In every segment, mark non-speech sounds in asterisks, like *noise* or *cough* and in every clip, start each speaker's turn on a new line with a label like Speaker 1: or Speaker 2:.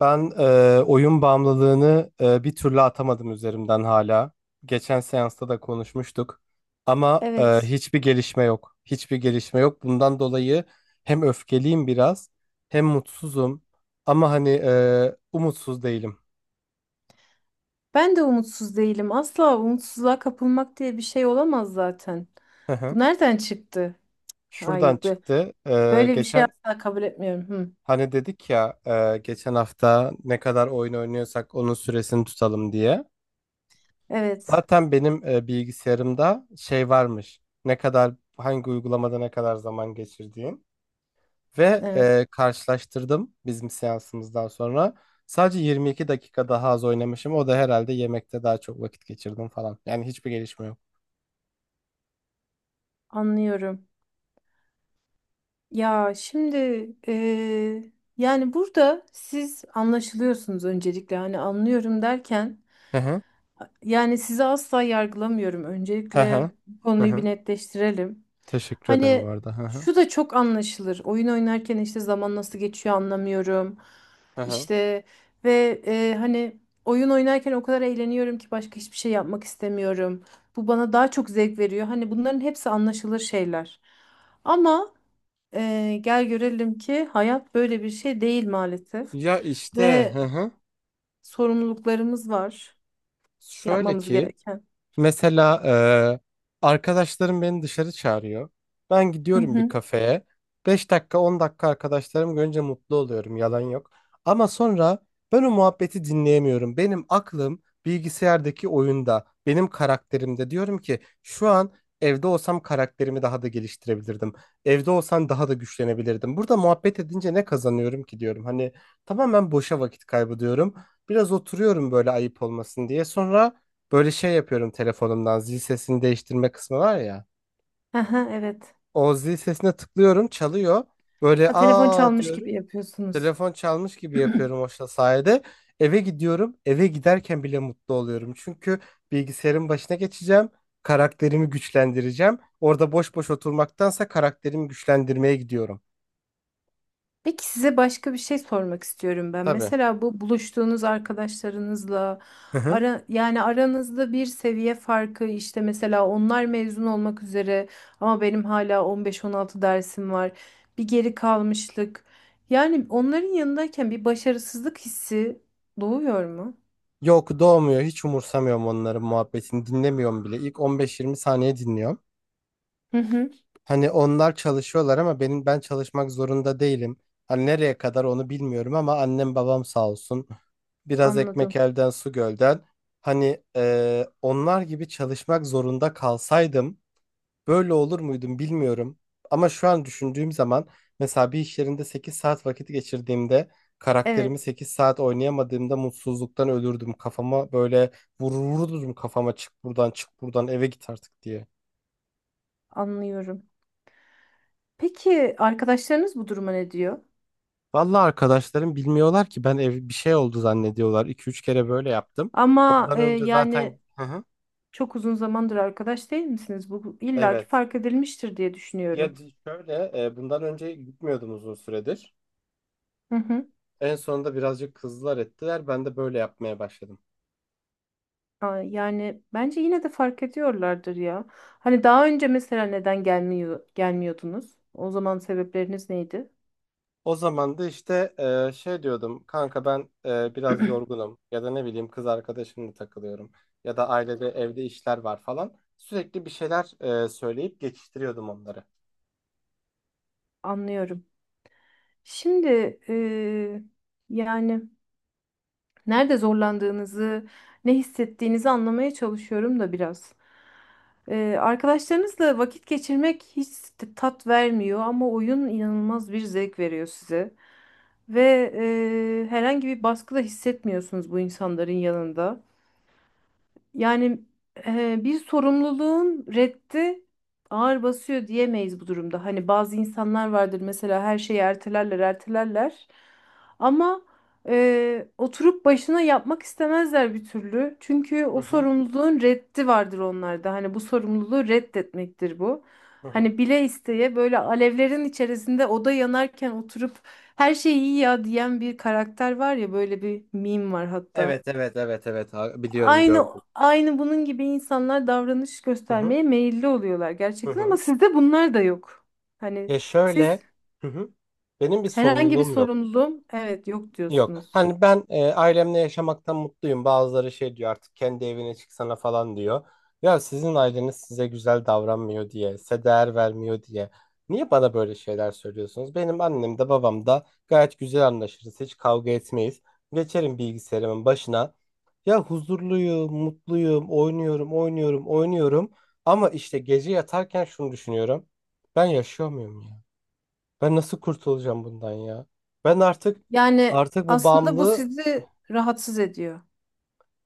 Speaker 1: Ben oyun bağımlılığını bir türlü atamadım üzerimden hala. Geçen seansta da konuşmuştuk. Ama
Speaker 2: Evet.
Speaker 1: hiçbir gelişme yok. Hiçbir gelişme yok. Bundan dolayı hem öfkeliyim biraz, hem mutsuzum. Ama hani umutsuz değilim.
Speaker 2: Ben de umutsuz değilim. Asla umutsuzluğa kapılmak diye bir şey olamaz zaten.
Speaker 1: Hı hı.
Speaker 2: Bu nereden çıktı?
Speaker 1: Şuradan
Speaker 2: Hayır,
Speaker 1: çıktı. E,
Speaker 2: böyle bir şey
Speaker 1: geçen
Speaker 2: asla kabul etmiyorum. Hı.
Speaker 1: hani dedik ya, geçen hafta ne kadar oyun oynuyorsak onun süresini tutalım diye.
Speaker 2: Evet,
Speaker 1: Zaten benim bilgisayarımda şey varmış. Ne kadar hangi uygulamada ne kadar zaman geçirdiğin ve
Speaker 2: evet,
Speaker 1: karşılaştırdım bizim seansımızdan sonra. Sadece 22 dakika daha az oynamışım. O da herhalde yemekte daha çok vakit geçirdim falan. Yani hiçbir gelişme yok.
Speaker 2: anlıyorum. Ya şimdi eee, yani burada siz anlaşılıyorsunuz öncelikle. Hani anlıyorum derken.
Speaker 1: Hı hı.
Speaker 2: Yani sizi asla yargılamıyorum.
Speaker 1: Hı hı.
Speaker 2: Öncelikle bu
Speaker 1: Hı
Speaker 2: konuyu bir
Speaker 1: hı.
Speaker 2: netleştirelim.
Speaker 1: Teşekkür ederim bu
Speaker 2: Hani
Speaker 1: arada. Hı hı.
Speaker 2: şu da çok anlaşılır. Oyun oynarken işte zaman nasıl geçiyor anlamıyorum.
Speaker 1: Hı hı.
Speaker 2: İşte ve hani oyun oynarken o kadar eğleniyorum ki başka hiçbir şey yapmak istemiyorum. Bu bana daha çok zevk veriyor. Hani bunların hepsi anlaşılır şeyler. Ama gel görelim ki hayat böyle bir şey değil maalesef.
Speaker 1: Ya işte,
Speaker 2: Ve
Speaker 1: hı hı.
Speaker 2: sorumluluklarımız var
Speaker 1: Şöyle
Speaker 2: yapmamız
Speaker 1: ki,
Speaker 2: gereken.
Speaker 1: mesela arkadaşlarım beni dışarı çağırıyor. Ben gidiyorum bir
Speaker 2: *laughs*
Speaker 1: kafeye. 5 dakika, 10 dakika arkadaşlarım görünce mutlu oluyorum, yalan yok. Ama sonra ben o muhabbeti dinleyemiyorum. Benim aklım bilgisayardaki oyunda, benim karakterimde, diyorum ki şu an evde olsam karakterimi daha da geliştirebilirdim. Evde olsam daha da güçlenebilirdim. Burada muhabbet edince ne kazanıyorum ki diyorum. Hani tamamen boşa vakit kaybı diyorum. Biraz oturuyorum böyle ayıp olmasın diye. Sonra böyle şey yapıyorum, telefonumdan zil sesini değiştirme kısmı var ya.
Speaker 2: Aha, evet.
Speaker 1: O zil sesine tıklıyorum, çalıyor. Böyle
Speaker 2: Ha, telefon
Speaker 1: aa
Speaker 2: çalmış gibi
Speaker 1: diyorum.
Speaker 2: yapıyorsunuz.
Speaker 1: Telefon çalmış gibi
Speaker 2: *clears throat*
Speaker 1: yapıyorum o sayede. Eve gidiyorum. Eve giderken bile mutlu oluyorum. Çünkü bilgisayarın başına geçeceğim. Karakterimi güçlendireceğim. Orada boş boş oturmaktansa karakterimi güçlendirmeye gidiyorum.
Speaker 2: Peki size başka bir şey sormak istiyorum ben.
Speaker 1: Tabii.
Speaker 2: Mesela bu buluştuğunuz arkadaşlarınızla
Speaker 1: Hı hı.
Speaker 2: yani aranızda bir seviye farkı, işte mesela onlar mezun olmak üzere ama benim hala 15-16 dersim var. Bir geri kalmışlık. Yani onların yanındayken bir başarısızlık hissi doğuyor mu?
Speaker 1: Yok, doğmuyor. Hiç umursamıyorum onların muhabbetini. Dinlemiyorum bile. İlk 15-20 saniye dinliyorum.
Speaker 2: Hı hı,
Speaker 1: Hani onlar çalışıyorlar ama benim ben çalışmak zorunda değilim. Hani nereye kadar onu bilmiyorum ama annem babam sağ olsun. Biraz
Speaker 2: anladım.
Speaker 1: ekmek elden su gölden. Hani onlar gibi çalışmak zorunda kalsaydım böyle olur muydum bilmiyorum. Ama şu an düşündüğüm zaman mesela bir iş yerinde 8 saat vakit geçirdiğimde, karakterimi
Speaker 2: Evet,
Speaker 1: 8 saat oynayamadığımda mutsuzluktan ölürdüm. Kafama böyle vururdum, kafama çık buradan, çık buradan, eve git artık diye.
Speaker 2: anlıyorum. Peki arkadaşlarınız bu duruma ne diyor?
Speaker 1: Vallahi arkadaşlarım bilmiyorlar ki, ben ev bir şey oldu zannediyorlar. İki üç kere böyle yaptım.
Speaker 2: Ama
Speaker 1: Ondan önce zaten.
Speaker 2: yani
Speaker 1: Hı hı.
Speaker 2: çok uzun zamandır arkadaş değil misiniz? Bu illaki
Speaker 1: Evet.
Speaker 2: fark edilmiştir diye
Speaker 1: Ya
Speaker 2: düşünüyorum.
Speaker 1: şöyle, bundan önce gitmiyordum uzun süredir.
Speaker 2: Hı hı.
Speaker 1: En sonunda birazcık kızlar ettiler. Ben de böyle yapmaya başladım.
Speaker 2: Aa, yani bence yine de fark ediyorlardır ya. Hani daha önce mesela neden gelmiyordunuz? O zaman sebepleriniz neydi?
Speaker 1: O zaman da işte şey diyordum. Kanka, ben biraz
Speaker 2: *clears throat*
Speaker 1: yorgunum, ya da ne bileyim kız arkadaşımla takılıyorum, ya da ailede evde işler var falan. Sürekli bir şeyler söyleyip geçiştiriyordum onları.
Speaker 2: Anlıyorum. Şimdi yani. Nerede zorlandığınızı, ne hissettiğinizi anlamaya çalışıyorum da biraz. Arkadaşlarınızla vakit geçirmek hiç tat vermiyor ama oyun inanılmaz bir zevk veriyor size. Ve herhangi bir baskı da hissetmiyorsunuz bu insanların yanında. Yani bir sorumluluğun reddi ağır basıyor diyemeyiz bu durumda. Hani bazı insanlar vardır, mesela her şeyi ertelerler, ertelerler. Ama oturup başına yapmak istemezler bir türlü. Çünkü
Speaker 1: Hı
Speaker 2: o
Speaker 1: hı.
Speaker 2: sorumluluğun reddi vardır onlarda. Hani bu sorumluluğu reddetmektir bu.
Speaker 1: Hı hı.
Speaker 2: Hani bile isteye böyle alevlerin içerisinde oda yanarken oturup her şey iyi ya diyen bir karakter var ya, böyle bir meme var hatta,
Speaker 1: Evet, evet, evet, evet. Biliyorum,
Speaker 2: aynı
Speaker 1: gördüm.
Speaker 2: aynı bunun gibi insanlar davranış
Speaker 1: Hı hı.
Speaker 2: göstermeye meyilli oluyorlar
Speaker 1: Hı
Speaker 2: gerçekten, ama
Speaker 1: hı.
Speaker 2: sizde bunlar da yok. Hani
Speaker 1: Ya,
Speaker 2: siz
Speaker 1: şöyle. Hı hı. Benim bir
Speaker 2: herhangi bir
Speaker 1: sorumluluğum yok.
Speaker 2: sorumluluğum, evet, yok
Speaker 1: Yok.
Speaker 2: diyorsunuz.
Speaker 1: Hani ben ailemle yaşamaktan mutluyum. Bazıları şey diyor, artık kendi evine çıksana falan diyor. Ya, sizin aileniz size güzel davranmıyor diye, size değer vermiyor diye. Niye bana böyle şeyler söylüyorsunuz? Benim annem de babam da gayet güzel anlaşırız. Hiç kavga etmeyiz. Geçerim bilgisayarımın başına. Ya huzurluyum, mutluyum, oynuyorum, oynuyorum, oynuyorum. Ama işte gece yatarken şunu düşünüyorum. Ben yaşıyor muyum ya? Ben nasıl kurtulacağım bundan ya? Ben artık
Speaker 2: Yani
Speaker 1: artık bu
Speaker 2: aslında bu
Speaker 1: bağımlılığı
Speaker 2: sizi rahatsız ediyor.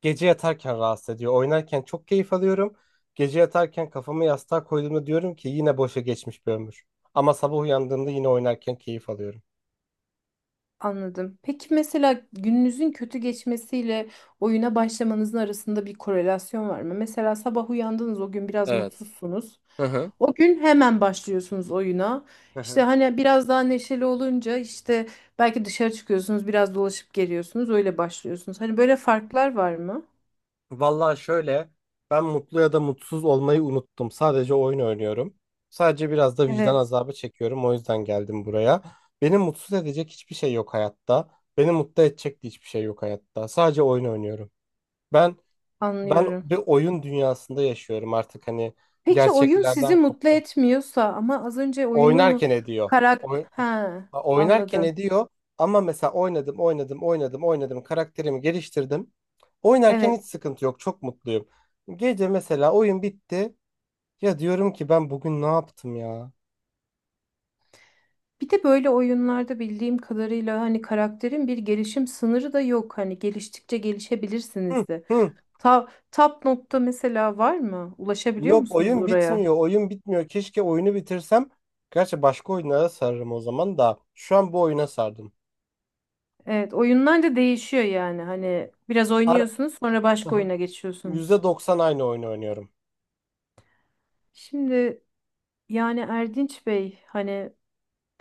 Speaker 1: gece yatarken rahatsız ediyor. Oynarken çok keyif alıyorum. Gece yatarken kafamı yastığa koyduğumda diyorum ki yine boşa geçmiş bir ömür. Ama sabah uyandığımda yine oynarken keyif alıyorum.
Speaker 2: Anladım. Peki mesela gününüzün kötü geçmesiyle oyuna başlamanızın arasında bir korelasyon var mı? Mesela sabah uyandınız, o gün biraz
Speaker 1: Evet.
Speaker 2: mutsuzsunuz.
Speaker 1: Hı hı.
Speaker 2: O gün hemen başlıyorsunuz oyuna.
Speaker 1: Hı
Speaker 2: İşte
Speaker 1: hı.
Speaker 2: hani biraz daha neşeli olunca işte belki dışarı çıkıyorsunuz, biraz dolaşıp geliyorsunuz, öyle başlıyorsunuz. Hani böyle farklar var mı?
Speaker 1: Vallahi şöyle, ben mutlu ya da mutsuz olmayı unuttum. Sadece oyun oynuyorum. Sadece biraz da vicdan
Speaker 2: Evet.
Speaker 1: azabı çekiyorum. O yüzden geldim buraya. Beni mutsuz edecek hiçbir şey yok hayatta. Beni mutlu edecek de hiçbir şey yok hayatta. Sadece oyun oynuyorum. Ben ben
Speaker 2: Anlıyorum.
Speaker 1: bir oyun dünyasında yaşıyorum artık, hani
Speaker 2: Peki oyun sizi
Speaker 1: gerçeklerden
Speaker 2: mutlu
Speaker 1: koptum.
Speaker 2: etmiyorsa, ama az önce oyunun
Speaker 1: Oynarken ediyor. Oy-
Speaker 2: ha,
Speaker 1: Oynarken
Speaker 2: anladım.
Speaker 1: ediyor ama mesela oynadım, oynadım, oynadım, oynadım. Karakterimi geliştirdim. Oynarken hiç
Speaker 2: Evet.
Speaker 1: sıkıntı yok. Çok mutluyum. Gece mesela oyun bitti. Ya diyorum ki ben bugün ne yaptım ya?
Speaker 2: Bir de böyle oyunlarda bildiğim kadarıyla hani karakterin bir gelişim sınırı da yok. Hani geliştikçe
Speaker 1: Hı,
Speaker 2: gelişebilirsiniz de.
Speaker 1: hı.
Speaker 2: Top nokta mesela var mı? Ulaşabiliyor
Speaker 1: Yok,
Speaker 2: musunuz
Speaker 1: oyun
Speaker 2: oraya?
Speaker 1: bitmiyor. Oyun bitmiyor. Keşke oyunu bitirsem. Gerçi başka oyunlara sararım o zaman da. Şu an bu oyuna sardım.
Speaker 2: Evet, oyunlar da değişiyor yani. Hani biraz
Speaker 1: Ara...
Speaker 2: oynuyorsunuz, sonra başka
Speaker 1: *laughs*
Speaker 2: oyuna geçiyorsunuz.
Speaker 1: %90 aynı oyunu oynuyorum.
Speaker 2: Şimdi yani Erdinç Bey, hani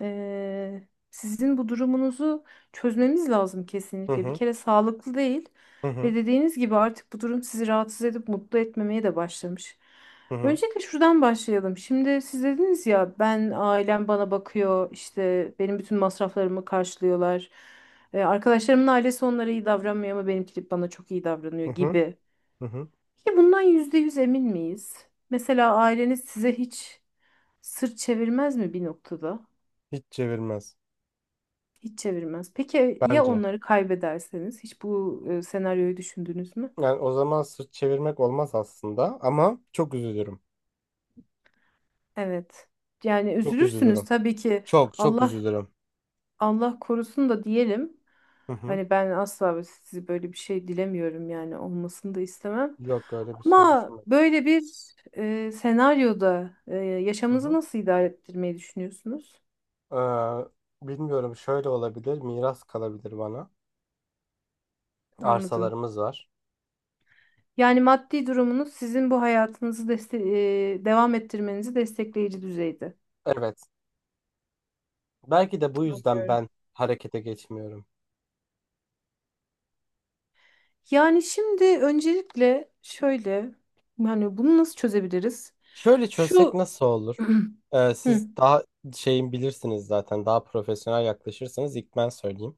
Speaker 2: Sizin bu durumunuzu çözmemiz lazım
Speaker 1: Hı
Speaker 2: kesinlikle. Bir
Speaker 1: hı,
Speaker 2: kere sağlıklı değil
Speaker 1: hı hı,
Speaker 2: ve dediğiniz gibi artık bu durum sizi rahatsız edip mutlu etmemeye de başlamış.
Speaker 1: hı hı,
Speaker 2: Öncelikle şuradan başlayalım. Şimdi siz dediniz ya, ben ailem bana bakıyor, işte benim bütün masraflarımı karşılıyorlar. Arkadaşlarımın ailesi onlara iyi davranmıyor ama benimki bana çok iyi davranıyor
Speaker 1: hı hı,
Speaker 2: gibi.
Speaker 1: hı hı.
Speaker 2: Ki bundan %100 emin miyiz? Mesela aileniz size hiç sırt çevirmez mi bir noktada?
Speaker 1: Hiç çevirmez
Speaker 2: Hiç çevirmez. Peki ya
Speaker 1: bence.
Speaker 2: onları kaybederseniz? Hiç bu senaryoyu düşündünüz mü?
Speaker 1: Yani o zaman sırt çevirmek olmaz aslında ama çok üzülürüm.
Speaker 2: Evet. Yani
Speaker 1: Çok
Speaker 2: üzülürsünüz
Speaker 1: üzülürüm.
Speaker 2: tabii ki.
Speaker 1: Çok çok
Speaker 2: Allah
Speaker 1: üzülürüm.
Speaker 2: Allah korusun da diyelim.
Speaker 1: Hı hı.
Speaker 2: Hani ben asla ve sizi böyle bir şey dilemiyorum, yani olmasını da istemem.
Speaker 1: Yok, öyle bir şey
Speaker 2: Ama
Speaker 1: düşünmedim.
Speaker 2: böyle bir senaryoda
Speaker 1: Hı
Speaker 2: yaşamınızı
Speaker 1: hı.
Speaker 2: nasıl idare ettirmeyi düşünüyorsunuz?
Speaker 1: Bilmiyorum, şöyle olabilir. Miras kalabilir bana.
Speaker 2: Anladım.
Speaker 1: Arsalarımız var.
Speaker 2: Yani maddi durumunuz sizin bu hayatınızı devam ettirmenizi destekleyici düzeyde.
Speaker 1: Evet. Belki de bu yüzden
Speaker 2: Anlıyorum.
Speaker 1: ben harekete geçmiyorum.
Speaker 2: Yani şimdi öncelikle şöyle, yani bunu nasıl çözebiliriz?
Speaker 1: Şöyle çözsek
Speaker 2: Şu
Speaker 1: nasıl olur?
Speaker 2: *clears throat*
Speaker 1: Siz
Speaker 2: Hı.
Speaker 1: daha şeyin bilirsiniz zaten. Daha profesyonel yaklaşırsanız, ilk ben söyleyeyim.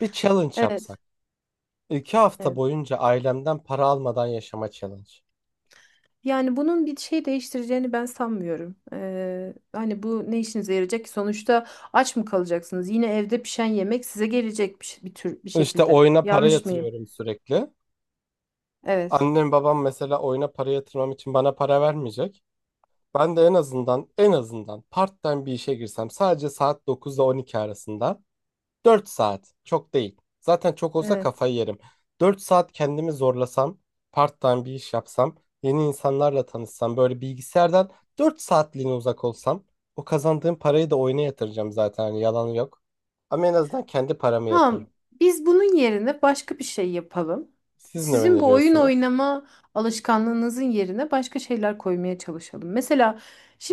Speaker 1: Bir challenge
Speaker 2: Evet,
Speaker 1: yapsak. 2 hafta
Speaker 2: evet.
Speaker 1: boyunca ailemden para almadan yaşama challenge.
Speaker 2: Yani bunun bir şey değiştireceğini ben sanmıyorum. Hani bu ne işinize yarayacak ki? Sonuçta aç mı kalacaksınız? Yine evde pişen yemek size gelecek bir tür bir
Speaker 1: İşte
Speaker 2: şekilde.
Speaker 1: oyuna para
Speaker 2: Yanlış mıyım?
Speaker 1: yatırıyorum sürekli.
Speaker 2: Evet.
Speaker 1: Annem babam mesela oyuna para yatırmam için bana para vermeyecek. Ben de en azından part-time bir işe girsem, sadece saat 9 ile 12 arasında. 4 saat çok değil. Zaten çok olsa
Speaker 2: Evet.
Speaker 1: kafayı yerim. 4 saat kendimi zorlasam, part-time bir iş yapsam, yeni insanlarla tanışsam, böyle bilgisayardan 4 saatliğine uzak olsam, o kazandığım parayı da oyuna yatıracağım zaten, hani yalan yok. Ama en azından kendi paramı yatırırım.
Speaker 2: Ha, biz bunun yerine başka bir şey yapalım.
Speaker 1: Siz ne
Speaker 2: Sizin bu oyun
Speaker 1: öneriyorsunuz?
Speaker 2: oynama alışkanlığınızın yerine başka şeyler koymaya çalışalım. Mesela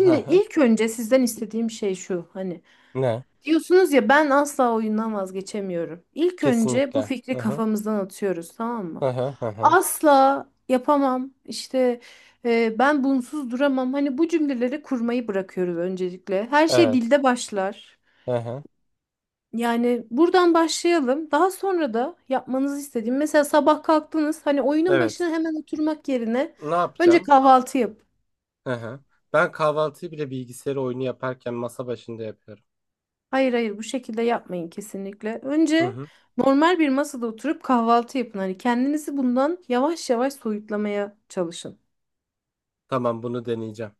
Speaker 1: Hı hı.
Speaker 2: ilk önce sizden istediğim şey şu. Hani
Speaker 1: Ne?
Speaker 2: diyorsunuz ya, ben asla oyundan vazgeçemiyorum. İlk önce bu
Speaker 1: Kesinlikle.
Speaker 2: fikri
Speaker 1: Hı hı.
Speaker 2: kafamızdan atıyoruz, tamam mı?
Speaker 1: Hı hı, hı hı.
Speaker 2: Asla yapamam. İşte ben bunsuz duramam. Hani bu cümleleri kurmayı bırakıyoruz öncelikle. Her şey
Speaker 1: Evet.
Speaker 2: dilde başlar.
Speaker 1: Hı hı.
Speaker 2: Yani buradan başlayalım. Daha sonra da yapmanızı istediğim, mesela sabah kalktınız hani oyunun
Speaker 1: Evet.
Speaker 2: başına hemen oturmak yerine
Speaker 1: Ne
Speaker 2: önce
Speaker 1: yapacağım?
Speaker 2: kahvaltı yap.
Speaker 1: Hı hı. Ben kahvaltıyı bile bilgisayar oyunu yaparken masa başında yapıyorum.
Speaker 2: Hayır hayır, bu şekilde yapmayın kesinlikle.
Speaker 1: Hı
Speaker 2: Önce
Speaker 1: hı.
Speaker 2: normal bir masada oturup kahvaltı yapın. Hani kendinizi bundan yavaş yavaş soyutlamaya çalışın.
Speaker 1: Tamam, bunu deneyeceğim.